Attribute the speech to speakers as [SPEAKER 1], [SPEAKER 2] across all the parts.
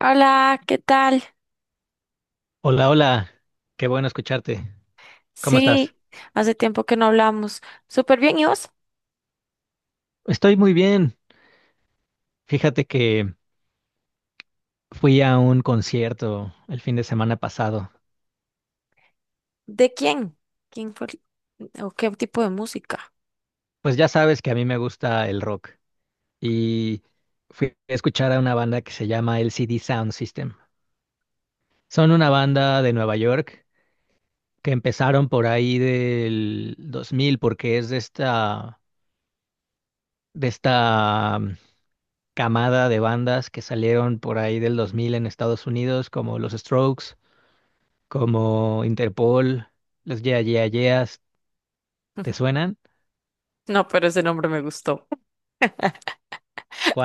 [SPEAKER 1] Hola, ¿qué tal?
[SPEAKER 2] Hola, hola, qué bueno escucharte. ¿Cómo estás?
[SPEAKER 1] Sí, hace tiempo que no hablamos. Súper bien, ¿y vos?
[SPEAKER 2] Estoy muy bien. Fíjate que fui a un concierto el fin de semana pasado.
[SPEAKER 1] ¿De quién? ¿Quién fue? ¿O qué tipo de música?
[SPEAKER 2] Pues ya sabes que a mí me gusta el rock y fui a escuchar a una banda que se llama LCD Sound System. Son una banda de Nueva York que empezaron por ahí del 2000, porque es de esta, de esta camada de bandas que salieron por ahí del 2000 en Estados Unidos, como los Strokes, como Interpol, los Yeah Yeah Yeahs. ¿Te suenan?
[SPEAKER 1] No, pero ese nombre me gustó.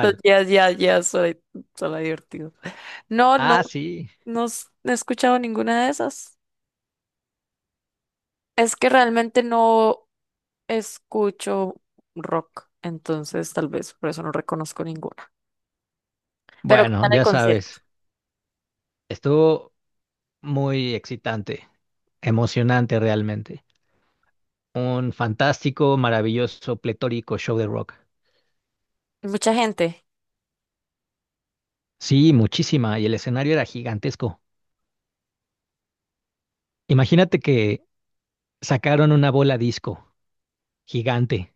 [SPEAKER 1] Los Yes, Yes, Yes, suena divertido. No, no,
[SPEAKER 2] Ah, sí.
[SPEAKER 1] no he escuchado ninguna de esas. Es que realmente no escucho rock, entonces tal vez por eso no reconozco ninguna. Pero ¿qué
[SPEAKER 2] Bueno,
[SPEAKER 1] tal el
[SPEAKER 2] ya
[SPEAKER 1] concierto?
[SPEAKER 2] sabes, estuvo muy excitante, emocionante realmente. Un fantástico, maravilloso, pletórico show de rock.
[SPEAKER 1] Mucha gente.
[SPEAKER 2] Sí, muchísima, y el escenario era gigantesco. Imagínate que sacaron una bola disco gigante,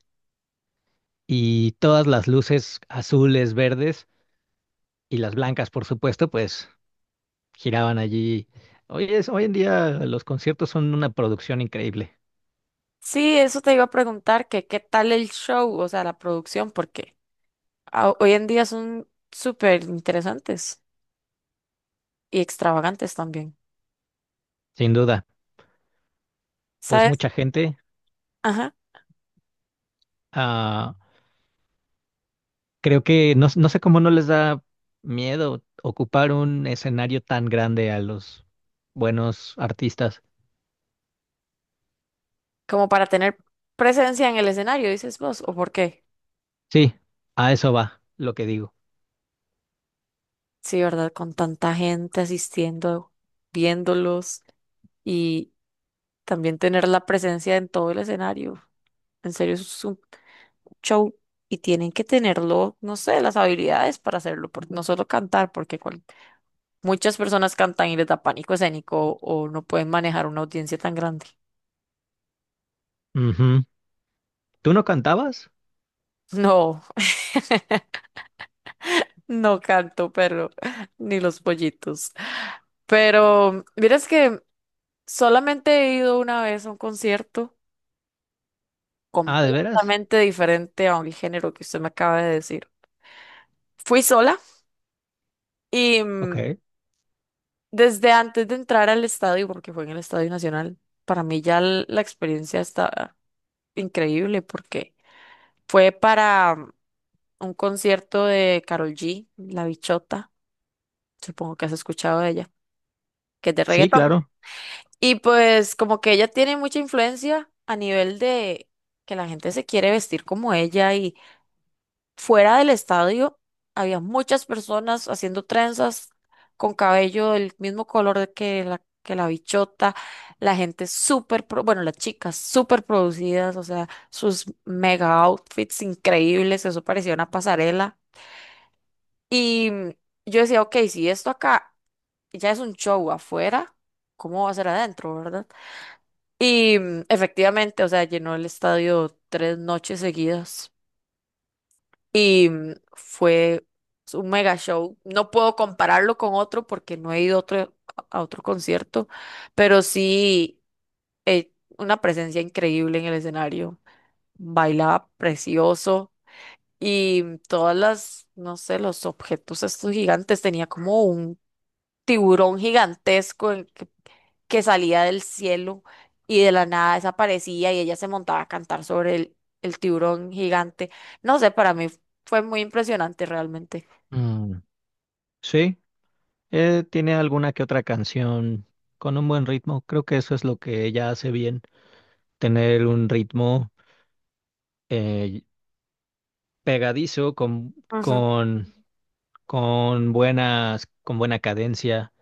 [SPEAKER 2] y todas las luces azules, verdes y las blancas, por supuesto, pues giraban allí. Hoy en día los conciertos son una producción increíble,
[SPEAKER 1] Sí, eso te iba a preguntar, que qué tal el show, o sea, la producción, porque hoy en día son súper interesantes y extravagantes también.
[SPEAKER 2] sin duda. Pues
[SPEAKER 1] ¿Sabes?
[SPEAKER 2] mucha gente,
[SPEAKER 1] Ajá.
[SPEAKER 2] ah, creo que no, no sé cómo no les da miedo ocupar un escenario tan grande a los buenos artistas.
[SPEAKER 1] Como para tener presencia en el escenario, dices vos, ¿o por qué?
[SPEAKER 2] Sí, a eso va lo que digo.
[SPEAKER 1] Sí, ¿verdad? Con tanta gente asistiendo, viéndolos y también tener la presencia en todo el escenario. En serio, eso es un show y tienen que tenerlo, no sé, las habilidades para hacerlo, no solo cantar, porque muchas personas cantan y les da pánico escénico o no pueden manejar una audiencia tan grande.
[SPEAKER 2] Ujú. ¿Tú no cantabas?
[SPEAKER 1] No, no canto, pero ni los pollitos. Pero miras que solamente he ido una vez a un concierto
[SPEAKER 2] Ah, ¿de veras?
[SPEAKER 1] completamente diferente a un género que usted me acaba de decir. Fui sola y
[SPEAKER 2] Ok.
[SPEAKER 1] desde antes de entrar al estadio, porque fue en el Estadio Nacional, para mí ya la experiencia está increíble porque fue para un concierto de Karol G, La Bichota, supongo que has escuchado de ella, que es de
[SPEAKER 2] Sí,
[SPEAKER 1] reggaetón.
[SPEAKER 2] claro.
[SPEAKER 1] Y pues como que ella tiene mucha influencia a nivel de que la gente se quiere vestir como ella y fuera del estadio había muchas personas haciendo trenzas con cabello del mismo color que la bichota, la gente súper, bueno, las chicas súper producidas, o sea, sus mega outfits increíbles, eso parecía una pasarela. Y yo decía, ok, si esto acá ya es un show afuera, ¿cómo va a ser adentro, verdad? Y efectivamente, o sea, llenó el estadio tres noches seguidas. Y fue un mega show. No puedo compararlo con otro porque no he ido a otro concierto, pero sí eh, una presencia increíble en el escenario. Bailaba precioso y todas las, no sé, los objetos estos gigantes. Tenía como un tiburón gigantesco que salía del cielo y de la nada desaparecía y ella se montaba a cantar sobre el tiburón gigante. No sé, para mí fue muy impresionante realmente.
[SPEAKER 2] Mm, sí, tiene alguna que otra canción con un buen ritmo. Creo que eso es lo que ella hace bien. Tener un ritmo, eh, pegadizo
[SPEAKER 1] Ujú.
[SPEAKER 2] con, con buenas, con buena cadencia,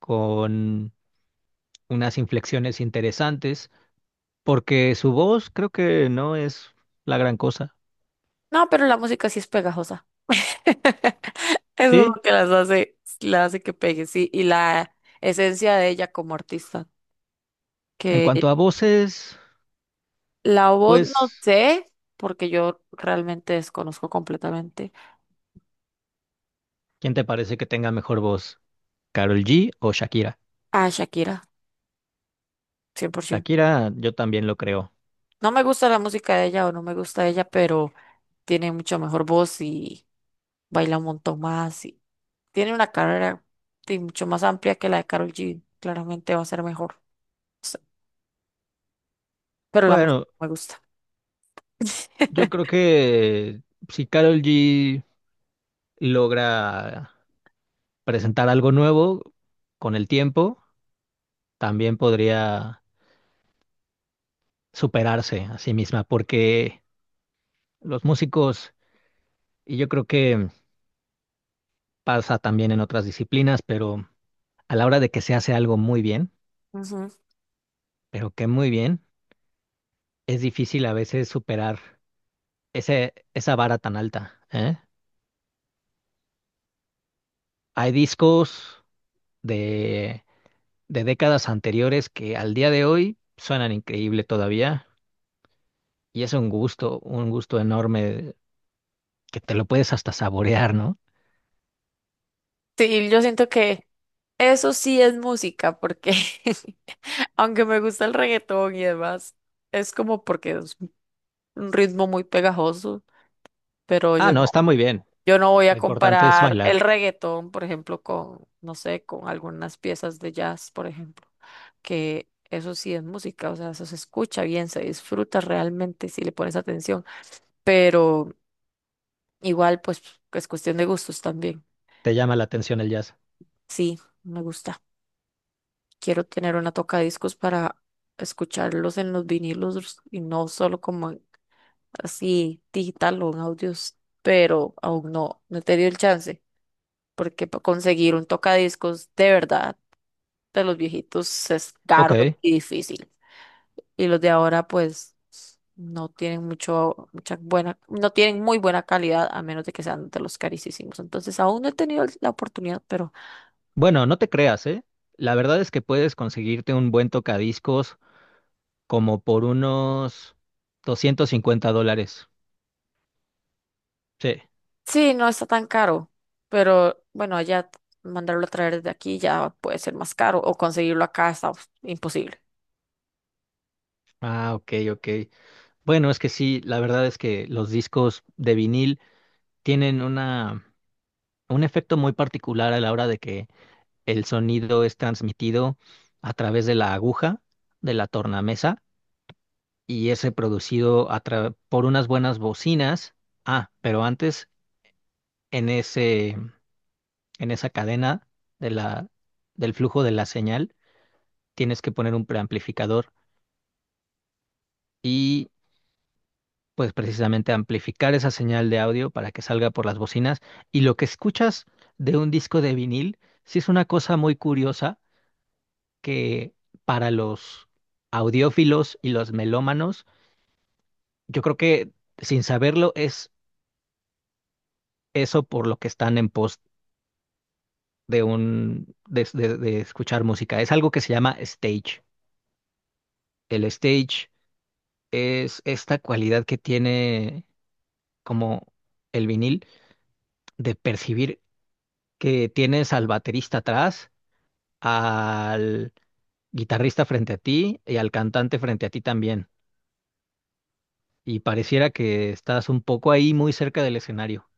[SPEAKER 2] con unas inflexiones interesantes, porque su voz creo que no es la gran cosa.
[SPEAKER 1] No, pero la música sí es pegajosa. Eso es
[SPEAKER 2] Sí,
[SPEAKER 1] lo que las hace, la hace que pegue, sí. Y la esencia de ella como artista.
[SPEAKER 2] en
[SPEAKER 1] Que
[SPEAKER 2] cuanto a voces,
[SPEAKER 1] la voz no
[SPEAKER 2] pues,
[SPEAKER 1] sé, porque yo realmente desconozco completamente
[SPEAKER 2] ¿quién te parece que tenga mejor voz? ¿Carol G o Shakira?
[SPEAKER 1] a Shakira, 100%.
[SPEAKER 2] Shakira, yo también lo creo.
[SPEAKER 1] No me gusta la música de ella o no me gusta ella, pero tiene mucho mejor voz y baila un montón más. Y tiene una carrera sí, mucho más amplia que la de Karol G. Claramente va a ser mejor. O sea, pero la música
[SPEAKER 2] Bueno,
[SPEAKER 1] no me gusta.
[SPEAKER 2] yo creo que si Carol G logra presentar algo nuevo con el tiempo, también podría superarse a sí misma, porque los músicos, y yo creo que pasa también en otras disciplinas, pero a la hora de que se hace algo muy bien,
[SPEAKER 1] Ujú.
[SPEAKER 2] pero que muy bien, es difícil a veces superar esa vara tan alta, ¿eh? Hay discos de, de décadas anteriores que al día de hoy suenan increíble todavía, y es un gusto enorme que te lo puedes hasta saborear, ¿no?
[SPEAKER 1] Sí, yo siento que eso sí es música, porque aunque me gusta el reggaetón y demás, es como porque es un ritmo muy pegajoso, pero
[SPEAKER 2] Ah,
[SPEAKER 1] yo
[SPEAKER 2] no,
[SPEAKER 1] no,
[SPEAKER 2] está muy bien.
[SPEAKER 1] yo no voy a
[SPEAKER 2] Lo importante es
[SPEAKER 1] comparar
[SPEAKER 2] bailar.
[SPEAKER 1] el reggaetón, por ejemplo, con, no sé, con algunas piezas de jazz, por ejemplo, que eso sí es música, o sea, eso se escucha bien, se disfruta realmente si le pones atención, pero igual, pues, es cuestión de gustos también.
[SPEAKER 2] Te llama la atención el jazz.
[SPEAKER 1] Sí, me gusta. Quiero tener una tocadiscos para escucharlos en los vinilos y no solo como así digital o en audios, pero aún no, no he tenido el chance, porque conseguir un tocadiscos de verdad de los viejitos es caro
[SPEAKER 2] Ok.
[SPEAKER 1] y difícil. Y los de ahora pues no tienen mucho, mucha buena, no tienen muy buena calidad a menos de que sean de los carísimos. Entonces aún no he tenido la oportunidad, pero
[SPEAKER 2] Bueno, no te creas, ¿eh? La verdad es que puedes conseguirte un buen tocadiscos como por unos $250. Sí.
[SPEAKER 1] sí, no está tan caro, pero bueno, allá mandarlo a traer desde aquí ya puede ser más caro o conseguirlo acá está uf, imposible.
[SPEAKER 2] Ah, ok, ok. Bueno, es que sí, la verdad es que los discos de vinil tienen una, un efecto muy particular a la hora de que el sonido es transmitido a través de la aguja, de la tornamesa, y ese producido a tra- por unas buenas bocinas. Ah, pero antes en ese, en esa cadena de la, del flujo de la señal tienes que poner un preamplificador y pues precisamente amplificar esa señal de audio para que salga por las bocinas. Y lo que escuchas de un disco de vinil, sí es una cosa muy curiosa que para los audiófilos y los melómanos, yo creo que sin saberlo es eso por lo que están en pos de un de escuchar música. Es algo que se llama stage. El stage es esta cualidad que tiene como el vinil de percibir que tienes al baterista atrás, al guitarrista frente a ti y al cantante frente a ti también. Y pareciera que estás un poco ahí muy cerca del escenario.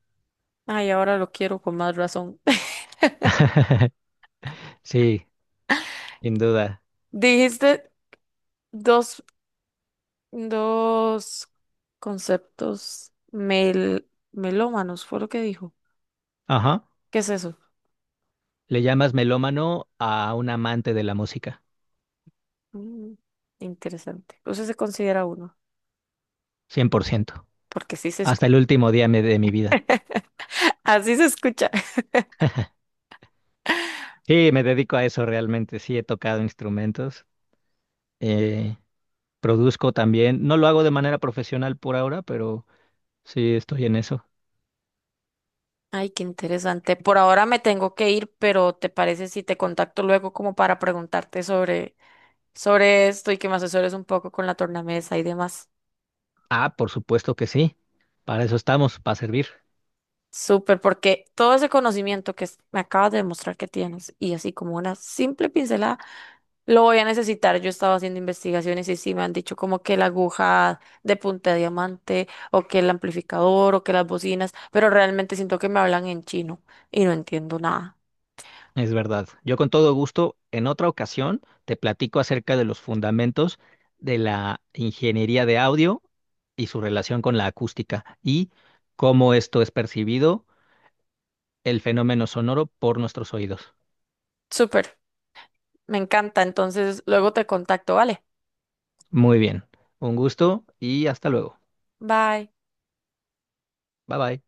[SPEAKER 1] Ay, ahora lo quiero con más razón.
[SPEAKER 2] Sí, sin duda.
[SPEAKER 1] Dijiste dos, dos conceptos melómanos, fue lo que dijo.
[SPEAKER 2] Ajá.
[SPEAKER 1] ¿Qué es eso?
[SPEAKER 2] Le llamas melómano a un amante de la música,
[SPEAKER 1] Mm, interesante. Eso se considera uno,
[SPEAKER 2] cien por ciento.
[SPEAKER 1] porque sí se
[SPEAKER 2] Hasta
[SPEAKER 1] escucha.
[SPEAKER 2] el último día me- de mi vida.
[SPEAKER 1] Así se escucha.
[SPEAKER 2] Sí, me dedico a eso realmente. Sí, he tocado instrumentos. eh, Produzco también. No lo hago de manera profesional por ahora, pero sí estoy en eso.
[SPEAKER 1] Ay, qué interesante. Por ahora me tengo que ir, pero ¿te parece si te contacto luego como para preguntarte sobre esto y que me asesores un poco con la tornamesa y demás.
[SPEAKER 2] Ah, por supuesto que sí. Para eso estamos, para servir.
[SPEAKER 1] Súper, porque todo ese conocimiento que me acabas de demostrar que tienes y así como una simple pincelada, lo voy a necesitar. Yo estaba haciendo investigaciones y sí me han dicho como que la aguja de punta de diamante o que el amplificador o que las bocinas, pero realmente siento que me hablan en chino y no entiendo nada.
[SPEAKER 2] Es verdad. Yo con todo gusto, en otra ocasión, te platico acerca de los fundamentos de la ingeniería de audio y su relación con la acústica y cómo esto es percibido, el fenómeno sonoro por nuestros oídos.
[SPEAKER 1] Súper, me encanta. Entonces luego te contacto, ¿vale?
[SPEAKER 2] Muy bien. Un gusto y hasta luego.
[SPEAKER 1] Bye.
[SPEAKER 2] Bye bye.